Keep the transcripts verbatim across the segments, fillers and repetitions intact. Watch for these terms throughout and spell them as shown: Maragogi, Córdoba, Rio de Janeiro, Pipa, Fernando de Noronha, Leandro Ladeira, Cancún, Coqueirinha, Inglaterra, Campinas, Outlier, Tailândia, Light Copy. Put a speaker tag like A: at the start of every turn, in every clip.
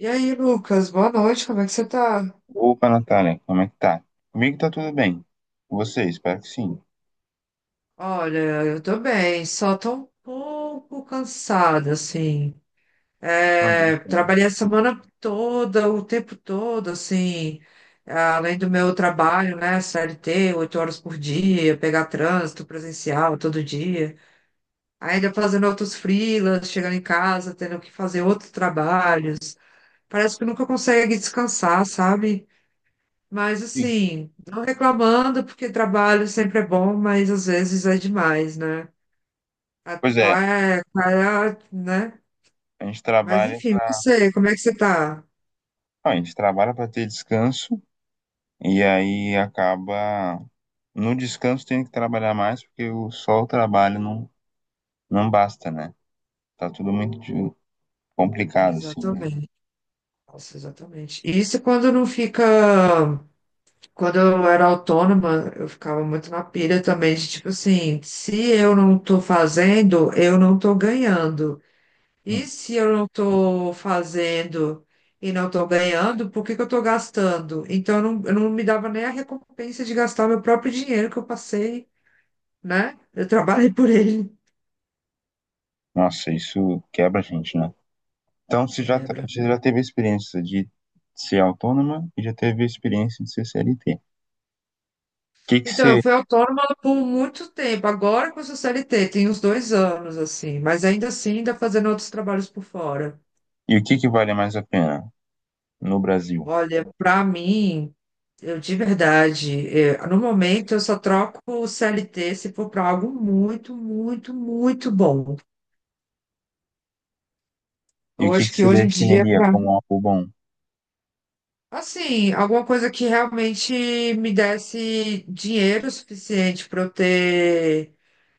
A: E aí, Lucas, boa noite, como é que você tá?
B: Opa, Natália, como é que tá? Comigo tá tudo bem. Com você, espero que sim.
A: Olha, eu tô bem, só tô um pouco cansada, assim.
B: Uma
A: É,
B: luta, né?
A: trabalhei a semana toda, o tempo todo, assim, é, além do meu trabalho, né, C L T, oito horas por dia, pegar trânsito presencial todo dia, ainda fazendo outros freelas, chegando em casa, tendo que fazer outros trabalhos. Parece que nunca consegue descansar, sabe? Mas
B: Sim.
A: assim, não reclamando, porque trabalho sempre é bom, mas às vezes é demais, né? A-
B: Pois
A: Qual
B: é,
A: é, qual é, a- né?
B: a gente
A: Mas
B: trabalha
A: enfim,
B: para,
A: você, como é que você tá?
B: a gente trabalha para ter descanso e aí acaba no descanso tem que trabalhar mais porque o só o trabalho não não basta, né? Tá tudo muito de- complicado assim, né?
A: Exatamente. Nossa, exatamente. Isso quando não fica. Quando eu era autônoma, eu ficava muito na pilha também, de tipo assim, se eu não tô fazendo, eu não tô ganhando. E
B: Sim.
A: se eu não estou fazendo e não estou ganhando, por que que eu estou gastando? Então, eu não, eu não me dava nem a recompensa de gastar meu próprio dinheiro que eu passei, né? Eu trabalhei por ele.
B: Nossa, isso quebra a gente, né? Então, você já tá-
A: Quebra.
B: você já teve a experiência de ser autônoma e já teve a experiência de ser C L T. O que que
A: Então, eu
B: você
A: fui autônoma por muito tempo. Agora com o C L T, tem uns dois anos, assim. Mas ainda assim, ainda fazendo outros trabalhos por fora.
B: e o que que vale mais a pena? No Brasil.
A: Olha, para mim, eu de verdade, eh, no momento, eu só troco o C L T se for para algo muito, muito, muito bom.
B: E o
A: Eu
B: que
A: acho
B: que
A: que
B: se
A: hoje em dia,
B: definiria
A: pra,
B: como algo bom?
A: assim, alguma coisa que realmente me desse dinheiro suficiente para eu ter,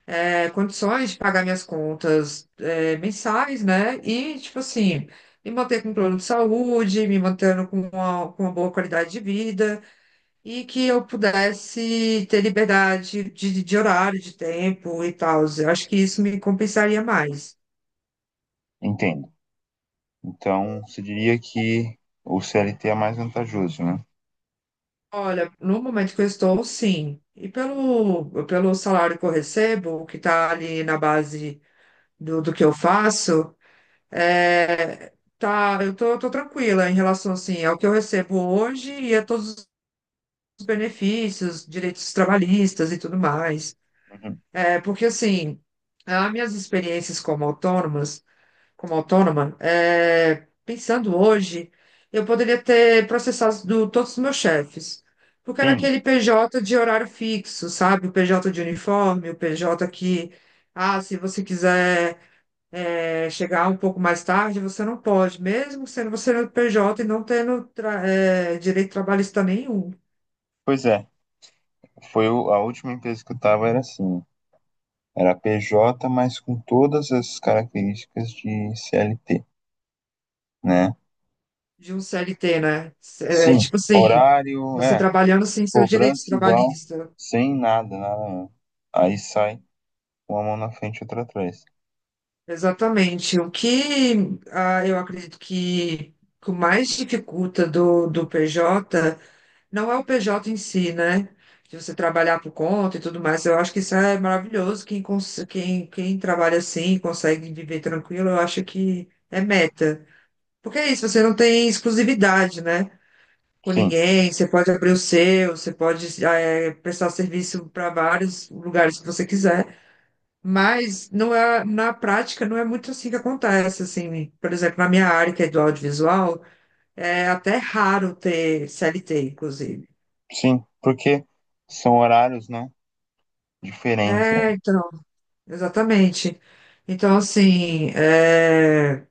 A: é, condições de pagar minhas contas, é, mensais, né? E, tipo assim, me manter com um plano de saúde, me mantendo com uma, com uma boa qualidade de vida e que eu pudesse ter liberdade de, de horário, de tempo e tal. Eu acho que isso me compensaria mais.
B: Entendo. Então, se diria que o C L T é mais vantajoso, né?
A: Olha, no momento que eu estou, sim. E pelo, pelo salário que eu recebo, que está ali na base do, do que eu faço, é, tá, eu tô, tô tranquila em relação assim, ao que eu recebo hoje e a todos os benefícios, direitos trabalhistas e tudo mais.
B: Uhum.
A: É, porque assim, as minhas experiências como autônomas como autônoma, é, pensando hoje, eu poderia ter processado do- todos os meus chefes. Porque era
B: Sim,
A: aquele P J de horário fixo, sabe? O P J de uniforme, o P J que, ah, se você quiser, é, chegar um pouco mais tarde, você não pode, mesmo sendo você no P J e não tendo tra- é, direito trabalhista nenhum
B: pois é. Foi o- a última empresa que eu estava era assim, era P J, mas com todas as características de C L T, né?
A: de um C L T, né? É,
B: Sim,
A: tipo assim,
B: horário,
A: você
B: é,
A: trabalhando sem seus direitos
B: cobrança igual,
A: trabalhistas.
B: sem nada, nada mesmo. Aí sai uma mão na frente e outra atrás.
A: Exatamente. O que ah, eu acredito que o mais dificulta do, do P J não é o P J em si, né? De você trabalhar por conta e tudo mais. Eu acho que isso é maravilhoso. Quem, cons- quem, quem trabalha assim, consegue viver tranquilo, eu acho que é meta. Porque é isso, você não tem exclusividade, né? Com
B: Sim,
A: ninguém, você pode abrir o seu, você pode eh, prestar serviço para vários lugares que você quiser. Mas não é, na prática não é muito assim que acontece, assim, por exemplo, na minha área, que é do audiovisual, é até raro ter C L T, inclusive.
B: sim, porque são horários, né, diferentes, né?
A: É, então, exatamente. Então, assim, é,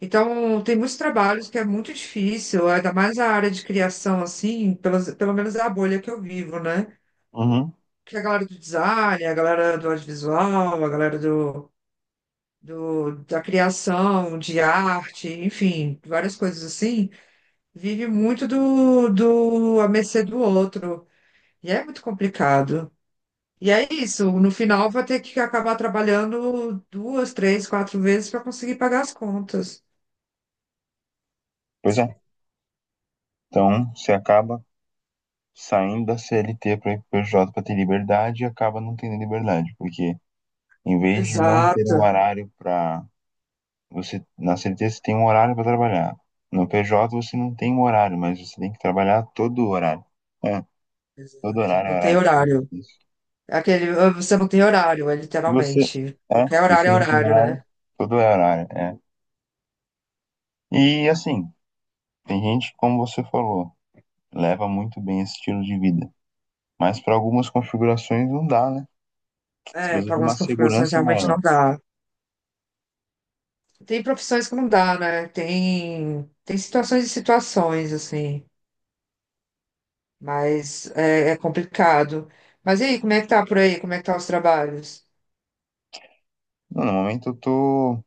A: então tem muitos trabalhos que é muito difícil, ainda mais a área de criação, assim, pelas, pelo menos é a bolha que eu vivo, né?
B: Uhum.
A: Que é a galera do design, a galera do audiovisual, a galera do, do, da criação, de arte, enfim, várias coisas assim. Vive muito do, do à mercê do outro. E é muito complicado. E é isso, no final vai ter que acabar trabalhando duas, três, quatro vezes para conseguir pagar as contas.
B: Pois é. Então, você acaba saindo da C L T para ir P J para ter liberdade e acaba não tendo liberdade, porque em vez de não ter
A: Exato,
B: um horário para você na C L T você tem um horário para trabalhar. No P J você não tem um horário, mas você tem que trabalhar todo o horário. É, todo
A: exato.
B: horário é
A: Não tem
B: horário de trabalho.
A: horário. É aquele, "Ah, você não tem horário", é
B: Se você
A: literalmente.
B: é,
A: Qualquer
B: se
A: horário
B: você
A: é
B: não tem
A: horário, né?
B: horário, todo é horário, é. E assim, tem gente, como você falou, leva muito bem esse estilo de vida, mas para algumas configurações não dá, né? Você
A: É,
B: precisa
A: para
B: de uma
A: algumas configurações
B: segurança
A: realmente
B: maior.
A: não dá. Tem profissões que não dá, né? Tem, tem situações e situações, assim. Mas é, é complicado. Mas e aí, como é que tá por aí? Como é que tá os trabalhos?
B: Não, no momento eu tô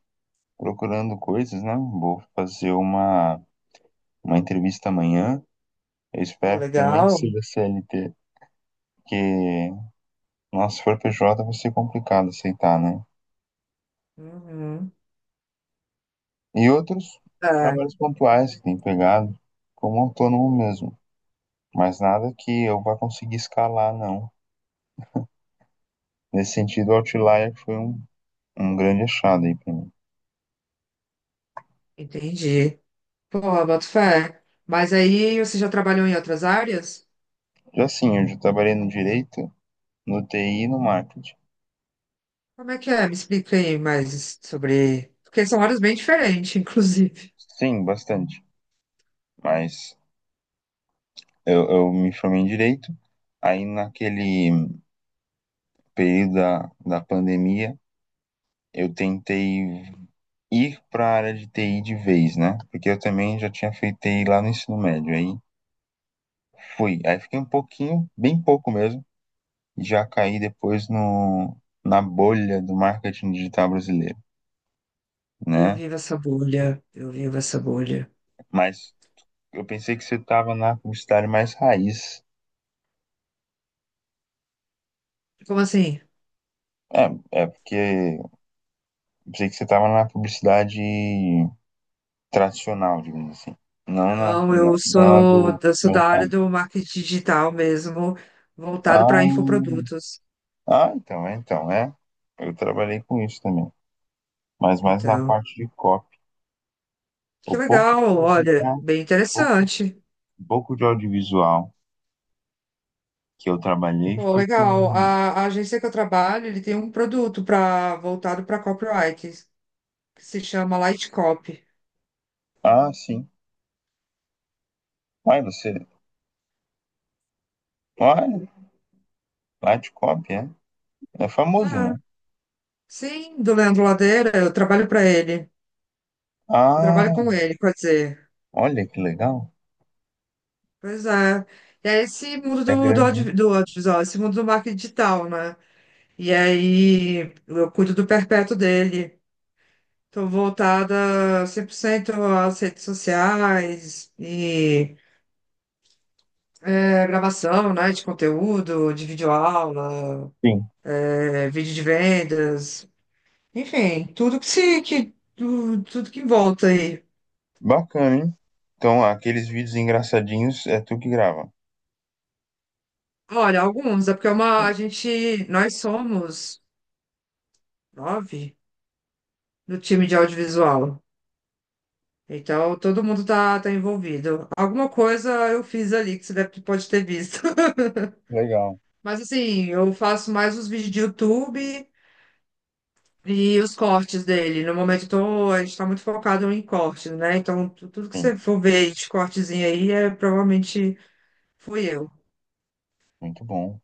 B: procurando coisas, né? Vou fazer uma, uma entrevista amanhã. Eu
A: Pô,
B: espero que também
A: legal.
B: seja C L T, porque, nossa, se for P J vai ser complicado aceitar, né?
A: Uhum.
B: E outros
A: Tá,
B: trabalhos pontuais que tem pegado, como autônomo mesmo. Mas nada que eu vá conseguir escalar, não. Nesse sentido, o Outlier foi um, um grande achado aí pra mim.
A: entendi. Pô, boto fé. Mas aí você já trabalhou em outras áreas?
B: Já sim, eu já trabalhei no direito, no T I e no marketing.
A: Como é que é? Me explica aí mais sobre. Porque são áreas bem diferentes, inclusive.
B: Sim, bastante. Mas eu, eu me formei em direito. Aí naquele período da, da pandemia, eu tentei ir para a área de T I de vez, né? Porque eu também já tinha feito T I lá no ensino médio. Aí fui, aí fiquei um pouquinho, bem pouco mesmo, e já caí depois no, na bolha do marketing digital brasileiro,
A: Eu
B: né?
A: vivo essa bolha. Eu vivo essa bolha.
B: Mas eu pensei que você estava na publicidade mais raiz.
A: Como assim?
B: É, é porque eu pensei que você estava na publicidade tradicional, digamos assim. Não na,
A: Não,
B: na,
A: eu
B: na
A: sou,
B: do
A: eu sou da área
B: mercado.
A: do marketing digital mesmo, voltado
B: Ah,
A: para infoprodutos.
B: ah, então, é, então, é. Eu trabalhei com isso também. Mas mais na
A: Então.
B: parte de copy.
A: Que
B: O pouco, de
A: legal,
B: audi-
A: olha,
B: é,
A: bem
B: pouco,
A: interessante.
B: pouco de audiovisual que eu trabalhei
A: Pô,
B: foi
A: legal.
B: com.
A: A, a agência que eu trabalho, ele tem um produto para voltado para copyright, que se chama Light Copy.
B: Ah, sim. Ai, você. Olha, lá de copy, é. É famoso, né?
A: Ah, sim, do Leandro Ladeira, eu trabalho para ele. Eu trabalho
B: Ah,
A: com ele, quer dizer.
B: olha que legal.
A: Pois é. E é esse mundo
B: É
A: do, do,
B: grande, né?
A: audio- do audiovisual, esse mundo do marketing digital, né? E aí eu cuido do perpétuo dele. Estou voltada cem por cento às redes sociais e É, gravação, né, de conteúdo, de videoaula,
B: Sim.
A: é, vídeo de vendas, enfim, tudo que se que tu- tudo que volta aí.
B: Bacana, hein? Então, aqueles vídeos engraçadinhos é tu que grava.
A: Olha, alguns, é porque é uma
B: É.
A: a gente nós somos nove no time de audiovisual. Então todo mundo tá, tá envolvido. Alguma coisa eu fiz ali que você deve, pode ter visto.
B: Legal.
A: Mas assim, eu faço mais os vídeos de YouTube. E os cortes dele. No momento eu tô, a gente tá muito focado em cortes, né? Então, tu- tudo que
B: Sim.
A: você for ver de cortezinho aí, é, provavelmente fui eu.
B: Muito bom.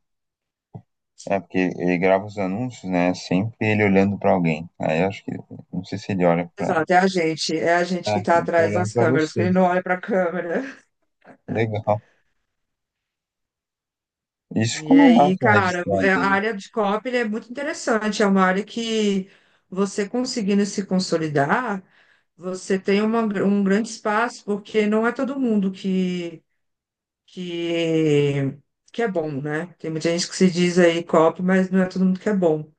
B: É, porque ele grava os anúncios, né? Sempre ele olhando pra alguém. Aí eu acho que. Não sei se ele olha pra.
A: Exato, é a gente. É a gente
B: Ah,
A: que tá
B: ele tá
A: atrás
B: olhando
A: das
B: pra
A: câmeras, que ele não
B: vocês.
A: olha pra câmera.
B: Legal. Isso
A: E
B: ficou uma
A: aí,
B: marca
A: cara,
B: registrada
A: é- a
B: dele.
A: área de copy é muito interessante. É uma área que você, conseguindo se consolidar, você tem uma, um grande espaço, porque não é todo mundo que que, que é bom, né? Tem muita gente que se diz aí copy, mas não é todo mundo que é bom.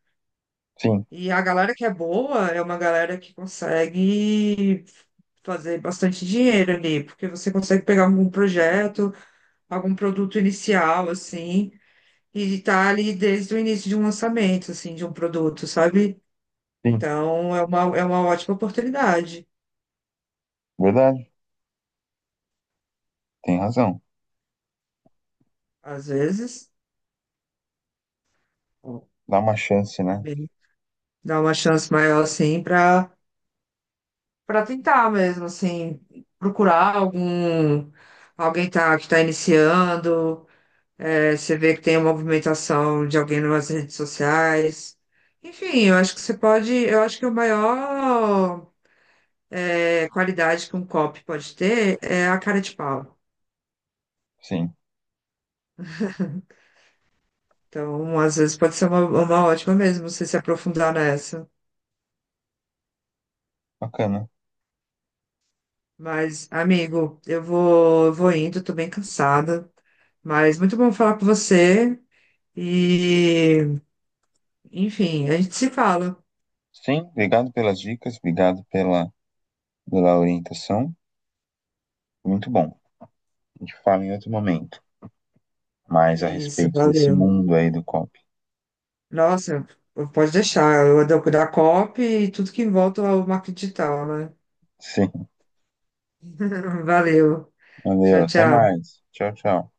B: Sim,
A: E a galera que é boa é uma galera que consegue fazer bastante dinheiro ali, porque você consegue pegar algum projeto, algum produto inicial, assim, e tá ali desde o início de um lançamento, assim, de um produto, sabe?
B: sim.
A: Então, é uma, é uma ótima oportunidade.
B: Verdade. Tem razão.
A: Às vezes, ó,
B: Dá uma chance,
A: é
B: né?
A: bem- dá uma chance maior, assim, para para tentar mesmo, assim, procurar algum alguém, tá, que está iniciando, é, você vê que tem uma movimentação de alguém nas redes sociais. Enfim, eu acho que você pode, eu acho que a maior, é, qualidade que um copy pode ter é a cara de pau.
B: Sim.
A: Então, às vezes pode ser uma, uma ótima mesmo, você se aprofundar nessa.
B: Bacana.
A: Mas, amigo, eu vou, eu vou indo, tô bem cansada. Mas muito bom falar com você. E Enfim, a gente se fala.
B: Sim, obrigado pelas dicas, obrigado pela, pela orientação. Muito bom. A gente fala em outro momento. Mais a
A: É isso,
B: respeito desse
A: valeu.
B: mundo aí do C O P.
A: Nossa, pode deixar. Eu ando da cop e tudo que envolve ao marketing digital, né?
B: Sim.
A: Valeu.
B: Valeu.
A: Tchau,
B: Até
A: tchau.
B: mais. Tchau, tchau.